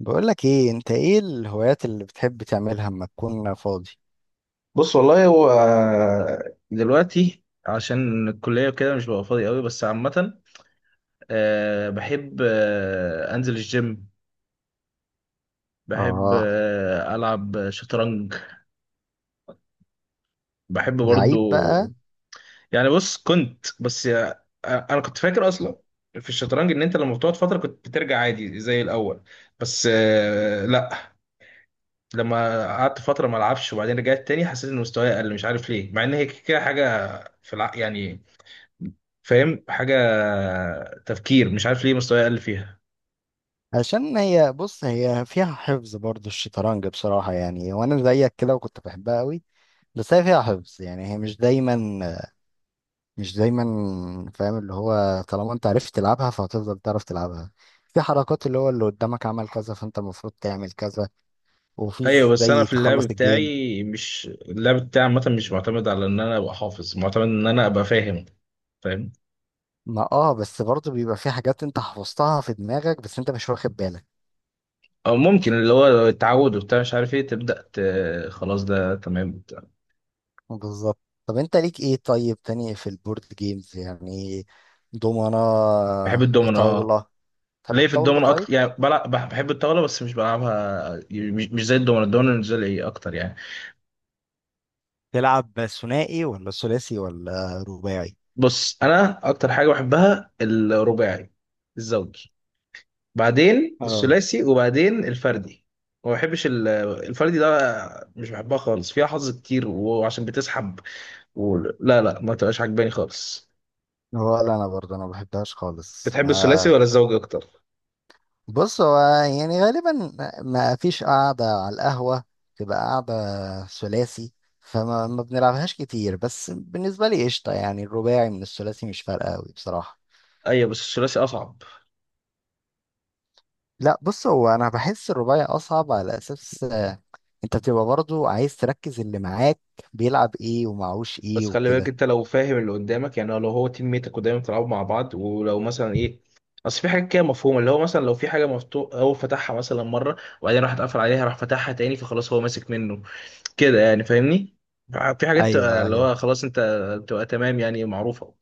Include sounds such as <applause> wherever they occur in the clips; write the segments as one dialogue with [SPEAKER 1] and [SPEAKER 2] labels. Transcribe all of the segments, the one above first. [SPEAKER 1] بقولك ايه؟ انت ايه الهوايات اللي بتحب تعملها اما تكون فاضي؟
[SPEAKER 2] بص، والله هو دلوقتي عشان الكلية وكده مش ببقى فاضي قوي، بس عامة بحب أنزل الجيم. بحب
[SPEAKER 1] اه،
[SPEAKER 2] ألعب شطرنج. بحب
[SPEAKER 1] لعيب
[SPEAKER 2] برضو.
[SPEAKER 1] بقى.
[SPEAKER 2] يعني بص، كنت بس أنا كنت فاكر أصلا في الشطرنج إن أنت لما بتقعد فترة كنت بترجع عادي زي الأول. بس لأ، لما قعدت فترة ما ألعبش وبعدين رجعت تاني حسيت إن مستواي أقل، مش عارف ليه، مع إن هي كده حاجة يعني، فاهم، حاجة تفكير. مش عارف ليه مستواي أقل فيها.
[SPEAKER 1] عشان هي، بص، هي فيها حفظ برضو الشطرنج بصراحة، يعني وانا زيك كده وكنت بحبها قوي. بس هي فيها حفظ يعني، هي مش دايما، فاهم؟ اللي هو طالما انت عرفت تلعبها فهتفضل تعرف تلعبها. في حركات اللي هو اللي قدامك عمل كذا فانت المفروض تعمل كذا. وفي
[SPEAKER 2] أيوة، بس أنا
[SPEAKER 1] زي
[SPEAKER 2] في اللعب
[SPEAKER 1] تخلص الجيم.
[SPEAKER 2] بتاعي، مش اللعب بتاعي عامة، مش معتمد على إن أنا أبقى حافظ، معتمد إن أنا أبقى فاهم. فاهم.
[SPEAKER 1] ما اه بس برضو بيبقى في حاجات انت حفظتها في دماغك بس انت مش واخد بالك.
[SPEAKER 2] أو ممكن اللي هو التعود وبتاع، مش عارف إيه، خلاص ده تمام بتاع.
[SPEAKER 1] بالظبط. طب انت ليك ايه طيب تاني في البورد جيمز يعني؟ دومنة؟
[SPEAKER 2] بحب الدومينو، أه.
[SPEAKER 1] طاولة؟ تحب
[SPEAKER 2] ليه؟ في
[SPEAKER 1] الطاولة
[SPEAKER 2] الدومينو
[SPEAKER 1] طيب؟
[SPEAKER 2] أكتر، يعني بلعب بحب الطاولة بس مش بلعبها، مش زي الدومينو. الدومينو بالنسبة لي إيه أكتر يعني.
[SPEAKER 1] تلعب ثنائي ولا ثلاثي ولا رباعي؟
[SPEAKER 2] بص، أنا أكتر حاجة بحبها الرباعي، الزوجي، بعدين
[SPEAKER 1] اه.
[SPEAKER 2] الثلاثي وبعدين الفردي. ما بحبش ال- الفردي ده مش بحبها خالص، فيها حظ كتير وعشان بتسحب، و... لا لا، ما تبقاش عجباني خالص.
[SPEAKER 1] ولا انا برضه، انا ما بحبهاش خالص.
[SPEAKER 2] بتحب
[SPEAKER 1] ما
[SPEAKER 2] الثلاثي ولا الزوجي اكتر؟
[SPEAKER 1] بص، هو يعني غالبا ما فيش قاعدة على القهوة تبقى قاعدة ثلاثي، فما ما بنلعبهاش كتير. بس بالنسبة لي قشطة يعني، الرباعي من الثلاثي مش فارقة قوي بصراحة.
[SPEAKER 2] ايوه بس الثلاثي اصعب.
[SPEAKER 1] لا، بص، هو انا بحس الرباعي اصعب، على اساس انت بتبقى برضو عايز تركز اللي معاك بيلعب ايه ومعهوش ايه
[SPEAKER 2] بس خلي بالك،
[SPEAKER 1] وكده.
[SPEAKER 2] انت لو فاهم اللي قدامك، يعني لو هو تيم ميتك ودايما بتلعبوا مع بعض، ولو مثلا ايه، اصل في حاجات كده مفهومه، اللي هو مثلا لو في حاجه مفتوح هو فتحها مثلا مره وبعدين راح اتقفل عليها، راح فتحها تاني، فخلاص هو ماسك منه كده، يعني فاهمني. في حاجات تبقى
[SPEAKER 1] ايوه
[SPEAKER 2] اللي
[SPEAKER 1] ايوه.
[SPEAKER 2] هو خلاص انت بتبقى تمام، يعني معروفة.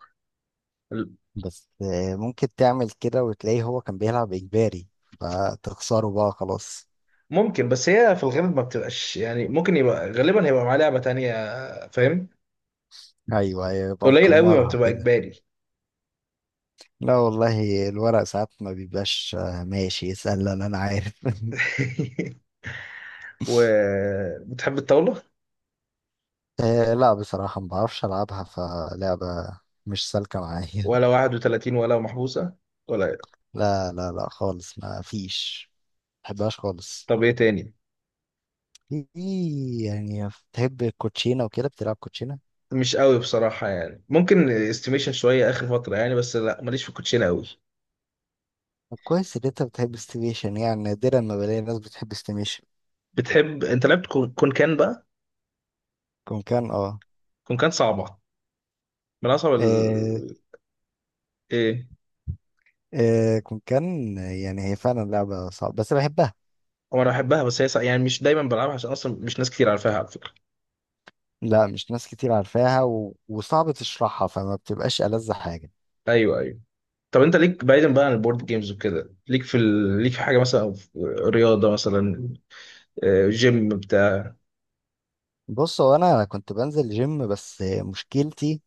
[SPEAKER 1] بس ممكن تعمل كده وتلاقيه هو كان بيلعب اجباري فتخسره بقى خلاص.
[SPEAKER 2] ممكن، بس هي في الغالب ما بتبقاش، يعني ممكن يبقى غالبا هيبقى معاه لعبة تانية، فاهم.
[SPEAKER 1] ايوه ايوه، يبقى
[SPEAKER 2] قليل قوي ما
[SPEAKER 1] مكمرها
[SPEAKER 2] بتبقى
[SPEAKER 1] كده.
[SPEAKER 2] إجباري.
[SPEAKER 1] لا والله الورق ساعات ما بيبقاش ماشي. اسألني انا، أنا عارف. <laughs>
[SPEAKER 2] <laughs> وبتحب الطاولة؟
[SPEAKER 1] لا بصراحة ما بعرفش العبها، فلعبة مش سالكة معايا.
[SPEAKER 2] ولا 31، ولا محبوسة، ولا إيه؟
[SPEAKER 1] <laughs> لا لا لا خالص، ما فيش، ما بحبهاش خالص.
[SPEAKER 2] طب ايه تاني؟
[SPEAKER 1] في، يعني بتحب الكوتشينة وكده؟ بتلعب كوتشينة؟
[SPEAKER 2] مش قوي بصراحة، يعني ممكن استيميشن شوية آخر فترة، يعني بس لا، ماليش في الكوتشينة قوي.
[SPEAKER 1] طب كويس ان انت بتحب استيميشن، يعني نادرا ما بلاقي ناس بتحب استيميشن.
[SPEAKER 2] بتحب انت؟ لعبت كون كان بقى؟
[SPEAKER 1] كون كان، اه.
[SPEAKER 2] كون كان صعبة، من أصعب
[SPEAKER 1] آه،
[SPEAKER 2] ايه.
[SPEAKER 1] كون كان، يعني هي فعلا لعبة صعبة بس بحبها.
[SPEAKER 2] هو انا بحبها، بس هي يعني مش دايما بلعبها عشان اصلا مش ناس كتير عارفاها على فكره.
[SPEAKER 1] لا، مش ناس كتير عارفاها و وصعب تشرحها، فما بتبقاش ألذ حاجة.
[SPEAKER 2] ايوه ايوه. طب انت ليك بعيدا بقى عن البورد جيمز وكده؟ ليك في حاجه مثلا، في رياضه مثلا، جيم بتاع؟
[SPEAKER 1] بص، هو انا كنت بنزل جيم بس مشكلتي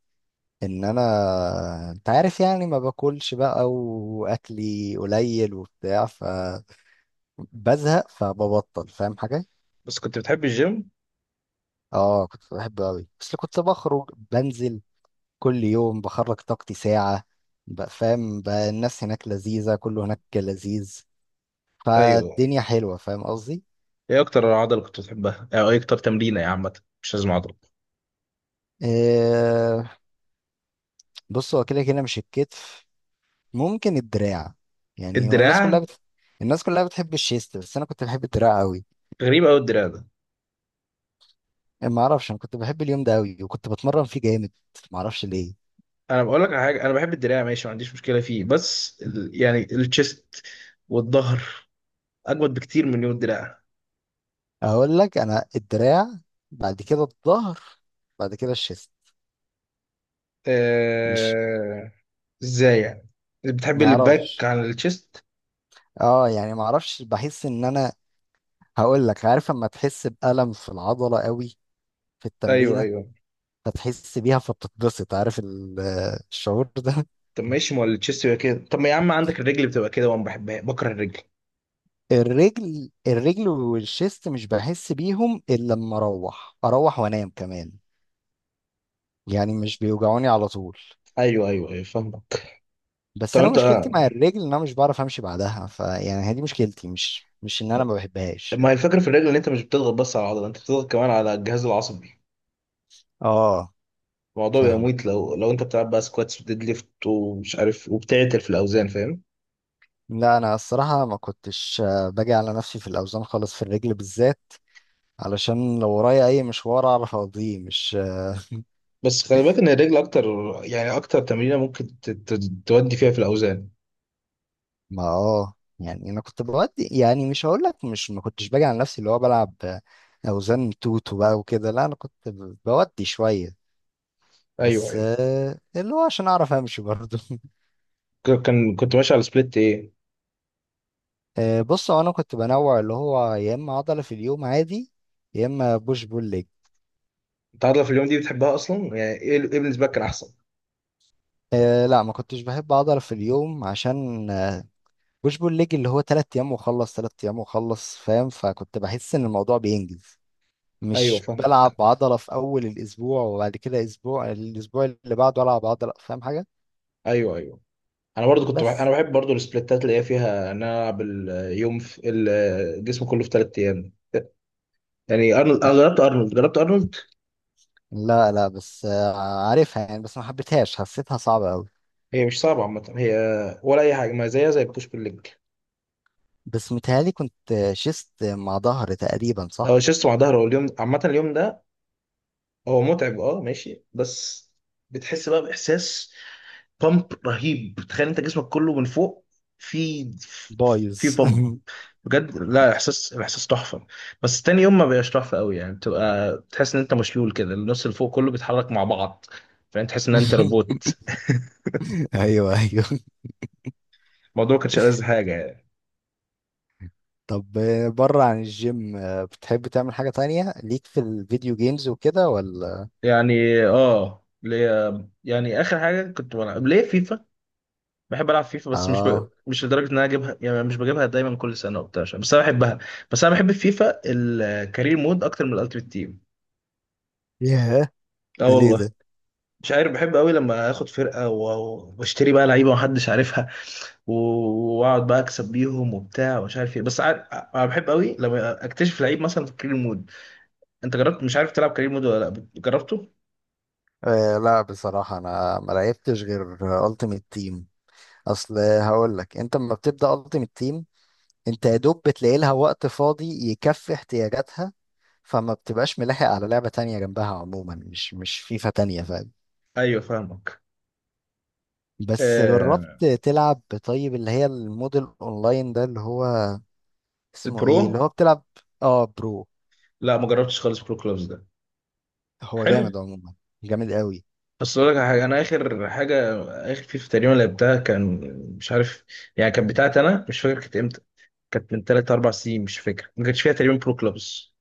[SPEAKER 1] ان انا، انت عارف يعني، ما باكلش بقى، واكلي قليل وبتاع، فبزهق فببطل، فاهم حاجة؟
[SPEAKER 2] بس كنت بتحب الجيم.
[SPEAKER 1] اه كنت بحبه قوي، بس كنت بخرج بنزل كل يوم، بخرج طاقتي ساعة بقى، فاهم؟ بقى الناس هناك لذيذة، كله هناك لذيذ،
[SPEAKER 2] ايوه.
[SPEAKER 1] فالدنيا حلوة، فاهم قصدي؟
[SPEAKER 2] ايه اكتر عضله كنت بتحبها او ايه اكتر تمرينه، يا عامه مش لازم عضله؟
[SPEAKER 1] آه. بص، هو كده كده مش الكتف، ممكن الدراع، يعني هو الناس كلها
[SPEAKER 2] الدراع.
[SPEAKER 1] بت... الناس كلها بتحب الشيست بس انا كنت بحب الدراع قوي.
[SPEAKER 2] غريب قوي الدراع ده.
[SPEAKER 1] ما اعرفش، انا كنت بحب اليوم ده قوي وكنت بتمرن فيه جامد، ما اعرفش ليه.
[SPEAKER 2] انا بقول لك على حاجه، انا بحب الدراع ماشي، ما عنديش مشكله فيه، بس يعني الشيست والظهر اجمد بكتير من يوم الدراع.
[SPEAKER 1] اقول لك، انا الدراع، بعد كده الظهر، بعد كده الشيست. مش،
[SPEAKER 2] ازاي يعني؟ بتحب
[SPEAKER 1] ما
[SPEAKER 2] الباك
[SPEAKER 1] اعرفش،
[SPEAKER 2] عن التشيست؟
[SPEAKER 1] اه، يعني ما اعرفش، بحس ان انا، هقول لك، عارف اما تحس بألم في العضلة قوي في
[SPEAKER 2] ايوه
[SPEAKER 1] التمرينة،
[SPEAKER 2] ايوه.
[SPEAKER 1] فتحس بيها فبتتبسط، عارف ال- <laughs> الشعور ده.
[SPEAKER 2] طب ماشي، ما هو التشيست يبقى كده. طب، ما يا عم عندك الرجل بتبقى كده، وانا بحبها، بكره الرجل.
[SPEAKER 1] الرجل، الرجل والشيست مش بحس بيهم الا لما اروح وانام كمان، يعني مش بيوجعوني على طول.
[SPEAKER 2] ايوه ايوه ايوه فاهمك.
[SPEAKER 1] بس
[SPEAKER 2] طب
[SPEAKER 1] انا
[SPEAKER 2] انت،
[SPEAKER 1] مشكلتي مع الرجل ان انا مش بعرف امشي بعدها، فيعني هي دي مشكلتي، مش مش ان انا ما بحبهاش.
[SPEAKER 2] ما هي الفكره في الرجل، ان انت مش بتضغط بس على العضله، انت بتضغط كمان على الجهاز العصبي.
[SPEAKER 1] اه
[SPEAKER 2] الموضوع بيبقى
[SPEAKER 1] فاهمك.
[SPEAKER 2] مميت، لو انت بتلعب بقى سكواتس وديد ليفت ومش عارف، وبتعتل في الاوزان، فاهم.
[SPEAKER 1] لا انا الصراحه ما كنتش باجي على نفسي في الاوزان خالص في الرجل بالذات، علشان لو ورايا اي مشوار اعرف اقضيه. مش
[SPEAKER 2] بس خلي بالك ان الرجل اكتر، يعني اكتر تمرينه ممكن تودي فيها في الاوزان.
[SPEAKER 1] ما اه يعني، انا كنت بودي يعني، مش هقول لك مش، ما كنتش باجي على نفسي اللي هو بلعب اوزان توتو بقى وكده، لا انا كنت بودي شويه.
[SPEAKER 2] ايوه
[SPEAKER 1] بس
[SPEAKER 2] ايوه.
[SPEAKER 1] اللي هو عشان اعرف امشي برضه. <laughs>
[SPEAKER 2] كان كنت ماشي على سبليت ايه؟
[SPEAKER 1] بص، هو انا كنت بنوع اللي هو، يا اما عضله في اليوم عادي، يا اما بوش بول ليج.
[SPEAKER 2] التعاطلة في اليوم دي بتحبها اصلا، يعني ايه ايه بالنسبه لك كان احسن؟
[SPEAKER 1] أه لا، ما كنتش بحب عضله في اليوم، عشان بوش بول ليج اللي هو تلات ايام واخلص، تلات ايام واخلص، فاهم؟ فكنت بحس ان الموضوع بينجز،
[SPEAKER 2] ايوه
[SPEAKER 1] مش بلعب
[SPEAKER 2] فاهمك.
[SPEAKER 1] عضلة في أول الأسبوع وبعد كده أسبوع، الأسبوع اللي بعده ألعب عضلة، فاهم حاجة؟
[SPEAKER 2] ايوه ايوه. انا برضو كنت بحب، انا
[SPEAKER 1] بس
[SPEAKER 2] بحب برضو السبليتات اللي هي فيها ان انا العب اليوم في الجسم كله في ثلاث ايام، يعني ارنولد. انا جربت ارنولد، جربت ارنولد.
[SPEAKER 1] لا لا بس آه، عارفها يعني، بس ما حبيتهاش، حسيتها صعبة أوي.
[SPEAKER 2] هي مش صعبه عامه، هي ولا اي حاجه، ما زيها زي البوش بالليج
[SPEAKER 1] بس متهيألي كنت شست مع ظهر تقريبا،
[SPEAKER 2] او
[SPEAKER 1] صح؟
[SPEAKER 2] الشيست مع ظهر. هو اليوم عامه، اليوم ده هو متعب اه، ماشي، بس بتحس بقى باحساس بامب رهيب. تخيل انت جسمك كله من فوق في
[SPEAKER 1] بايظ.
[SPEAKER 2] في بامب.
[SPEAKER 1] <laughs>
[SPEAKER 2] بجد، لا، احساس، الاحساس تحفه. بس تاني يوم ما بقاش تحفه قوي، يعني بتبقى بتحس ان انت مشلول كده، النص اللي فوق كله بيتحرك مع بعض، فانت تحس ان انت روبوت.
[SPEAKER 1] أيوه أيوه.
[SPEAKER 2] الموضوع ما كانش ألذ حاجه يعني.
[SPEAKER 1] طب بره عن الجيم، بتحب تعمل حاجة تانية؟ ليك في الفيديو جيمز وكده ولا؟
[SPEAKER 2] يعني اه، ليه، يعني اخر حاجه كنت بلعب ليه فيفا. بحب العب فيفا، بس
[SPEAKER 1] آه.
[SPEAKER 2] مش لدرجه ان انا اجيبها، يعني مش بجيبها دايما كل سنه وبتاع بس انا بحبها. بس انا بحب فيفا الكارير مود اكتر من الالتيميت تيم.
[SPEAKER 1] ياه،
[SPEAKER 2] اه
[SPEAKER 1] ده ليه
[SPEAKER 2] والله.
[SPEAKER 1] ده؟
[SPEAKER 2] مش عارف، بحب قوي لما اخد فرقه واشتري بقى لعيبه محدش عارفها، و- واقعد بقى اكسب بيهم وبتاع ومش عارف ايه، بس عارف أنا بحب قوي لما اكتشف لعيب مثلا في كارير مود. انت جربت؟ مش عارف تلعب كارير مود ولا لا جربته؟
[SPEAKER 1] آه لا بصراحة أنا ما لعبتش غير ألتيميت تيم. اصل هقول لك، انت لما بتبدا التيمت تيم انت يا دوب بتلاقي لها وقت فاضي يكفي احتياجاتها، فما بتبقاش ملاحق على لعبه تانية جنبها، عموما مش مش فيفا تانية، فاهم؟
[SPEAKER 2] ايوه فاهمك.
[SPEAKER 1] بس
[SPEAKER 2] آه،
[SPEAKER 1] جربت تلعب طيب اللي هي الموديل اونلاين ده اللي هو اسمه ايه، اللي
[SPEAKER 2] البرو.
[SPEAKER 1] هو بتلعب؟ اه، برو.
[SPEAKER 2] لا ما جربتش خالص برو كلوبز ده.
[SPEAKER 1] هو
[SPEAKER 2] حلو.
[SPEAKER 1] جامد عموما، جامد قوي.
[SPEAKER 2] بس اقول لك على حاجه، انا اخر حاجه، اخر فيفا تقريبا لعبتها كان، مش عارف، يعني كانت بتاعتي انا، مش فاكر كانت امتى، كانت من 3 4 سنين، مش فاكر، ما كانش فيها تقريبا برو كلوبز.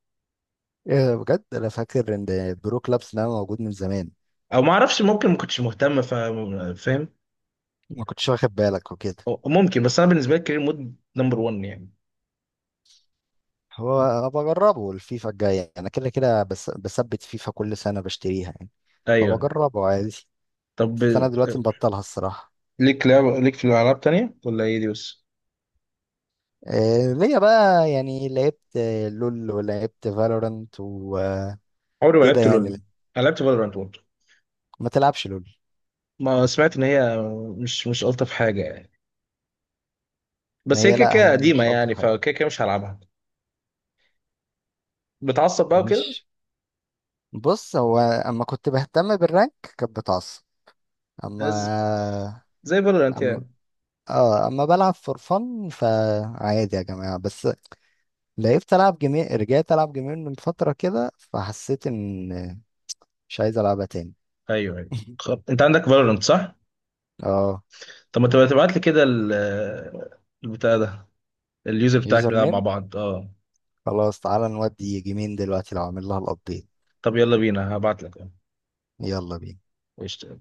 [SPEAKER 1] ايه ده، بجد؟ انا فاكر ان برو كلابس ده موجود من زمان.
[SPEAKER 2] او ما اعرفش، ممكن ما كنتش مهتم فاهم.
[SPEAKER 1] ما كنتش واخد بالك وكده.
[SPEAKER 2] ممكن، بس انا بالنسبه لي كارير مود نمبر 1 يعني.
[SPEAKER 1] هو انا بجربه الفيفا الجاية، انا كده كده بس بثبت فيفا كل سنة بشتريها،
[SPEAKER 2] ايوه.
[SPEAKER 1] فبجربه عادي.
[SPEAKER 2] طب،
[SPEAKER 1] بس انا دلوقتي مبطلها الصراحه.
[SPEAKER 2] ليك لعب، ليك في الالعاب تانية ولا هي دي بس؟
[SPEAKER 1] إيه ليا بقى؟ يعني لعبت لول ولعبت فالورانت وكده.
[SPEAKER 2] عمري ما لعبت
[SPEAKER 1] يعني
[SPEAKER 2] لول. أنا لعبت فالورانت برضه.
[SPEAKER 1] ما تلعبش لول؟
[SPEAKER 2] ما سمعت ان هي، مش الطف حاجه يعني،
[SPEAKER 1] ما
[SPEAKER 2] بس هي
[SPEAKER 1] هي
[SPEAKER 2] كده
[SPEAKER 1] لا،
[SPEAKER 2] كده
[SPEAKER 1] هي
[SPEAKER 2] قديمه
[SPEAKER 1] مش الطف
[SPEAKER 2] يعني، فكده
[SPEAKER 1] حاجه.
[SPEAKER 2] كده مش هلعبها. بتعصب بقى وكده؟
[SPEAKER 1] مش، بص، هو اما كنت بهتم بالرانك كانت بتعصب.
[SPEAKER 2] ز-
[SPEAKER 1] اما
[SPEAKER 2] زي فالورانت
[SPEAKER 1] اما
[SPEAKER 2] يعني.
[SPEAKER 1] اه، اما بلعب فور فن فعادي يا جماعه. بس لعبت، العب جيمين، رجعت العب جيمين من فتره كده، فحسيت ان مش عايز العبها تاني.
[SPEAKER 2] ايوه ايوه.
[SPEAKER 1] <laughs>
[SPEAKER 2] خب. انت عندك فالورانت صح؟
[SPEAKER 1] اه.
[SPEAKER 2] طب ما تبقى تبعت لي كده البتاع ده، اليوزر بتاعك،
[SPEAKER 1] يوزر
[SPEAKER 2] نلعب مع
[SPEAKER 1] نيم،
[SPEAKER 2] بعض اه.
[SPEAKER 1] خلاص تعالى نودي جيمين دلوقتي لو عامل لها الابديت.
[SPEAKER 2] طب يلا بينا، هبعت لك.
[SPEAKER 1] يلا بينا.
[SPEAKER 2] قشطة.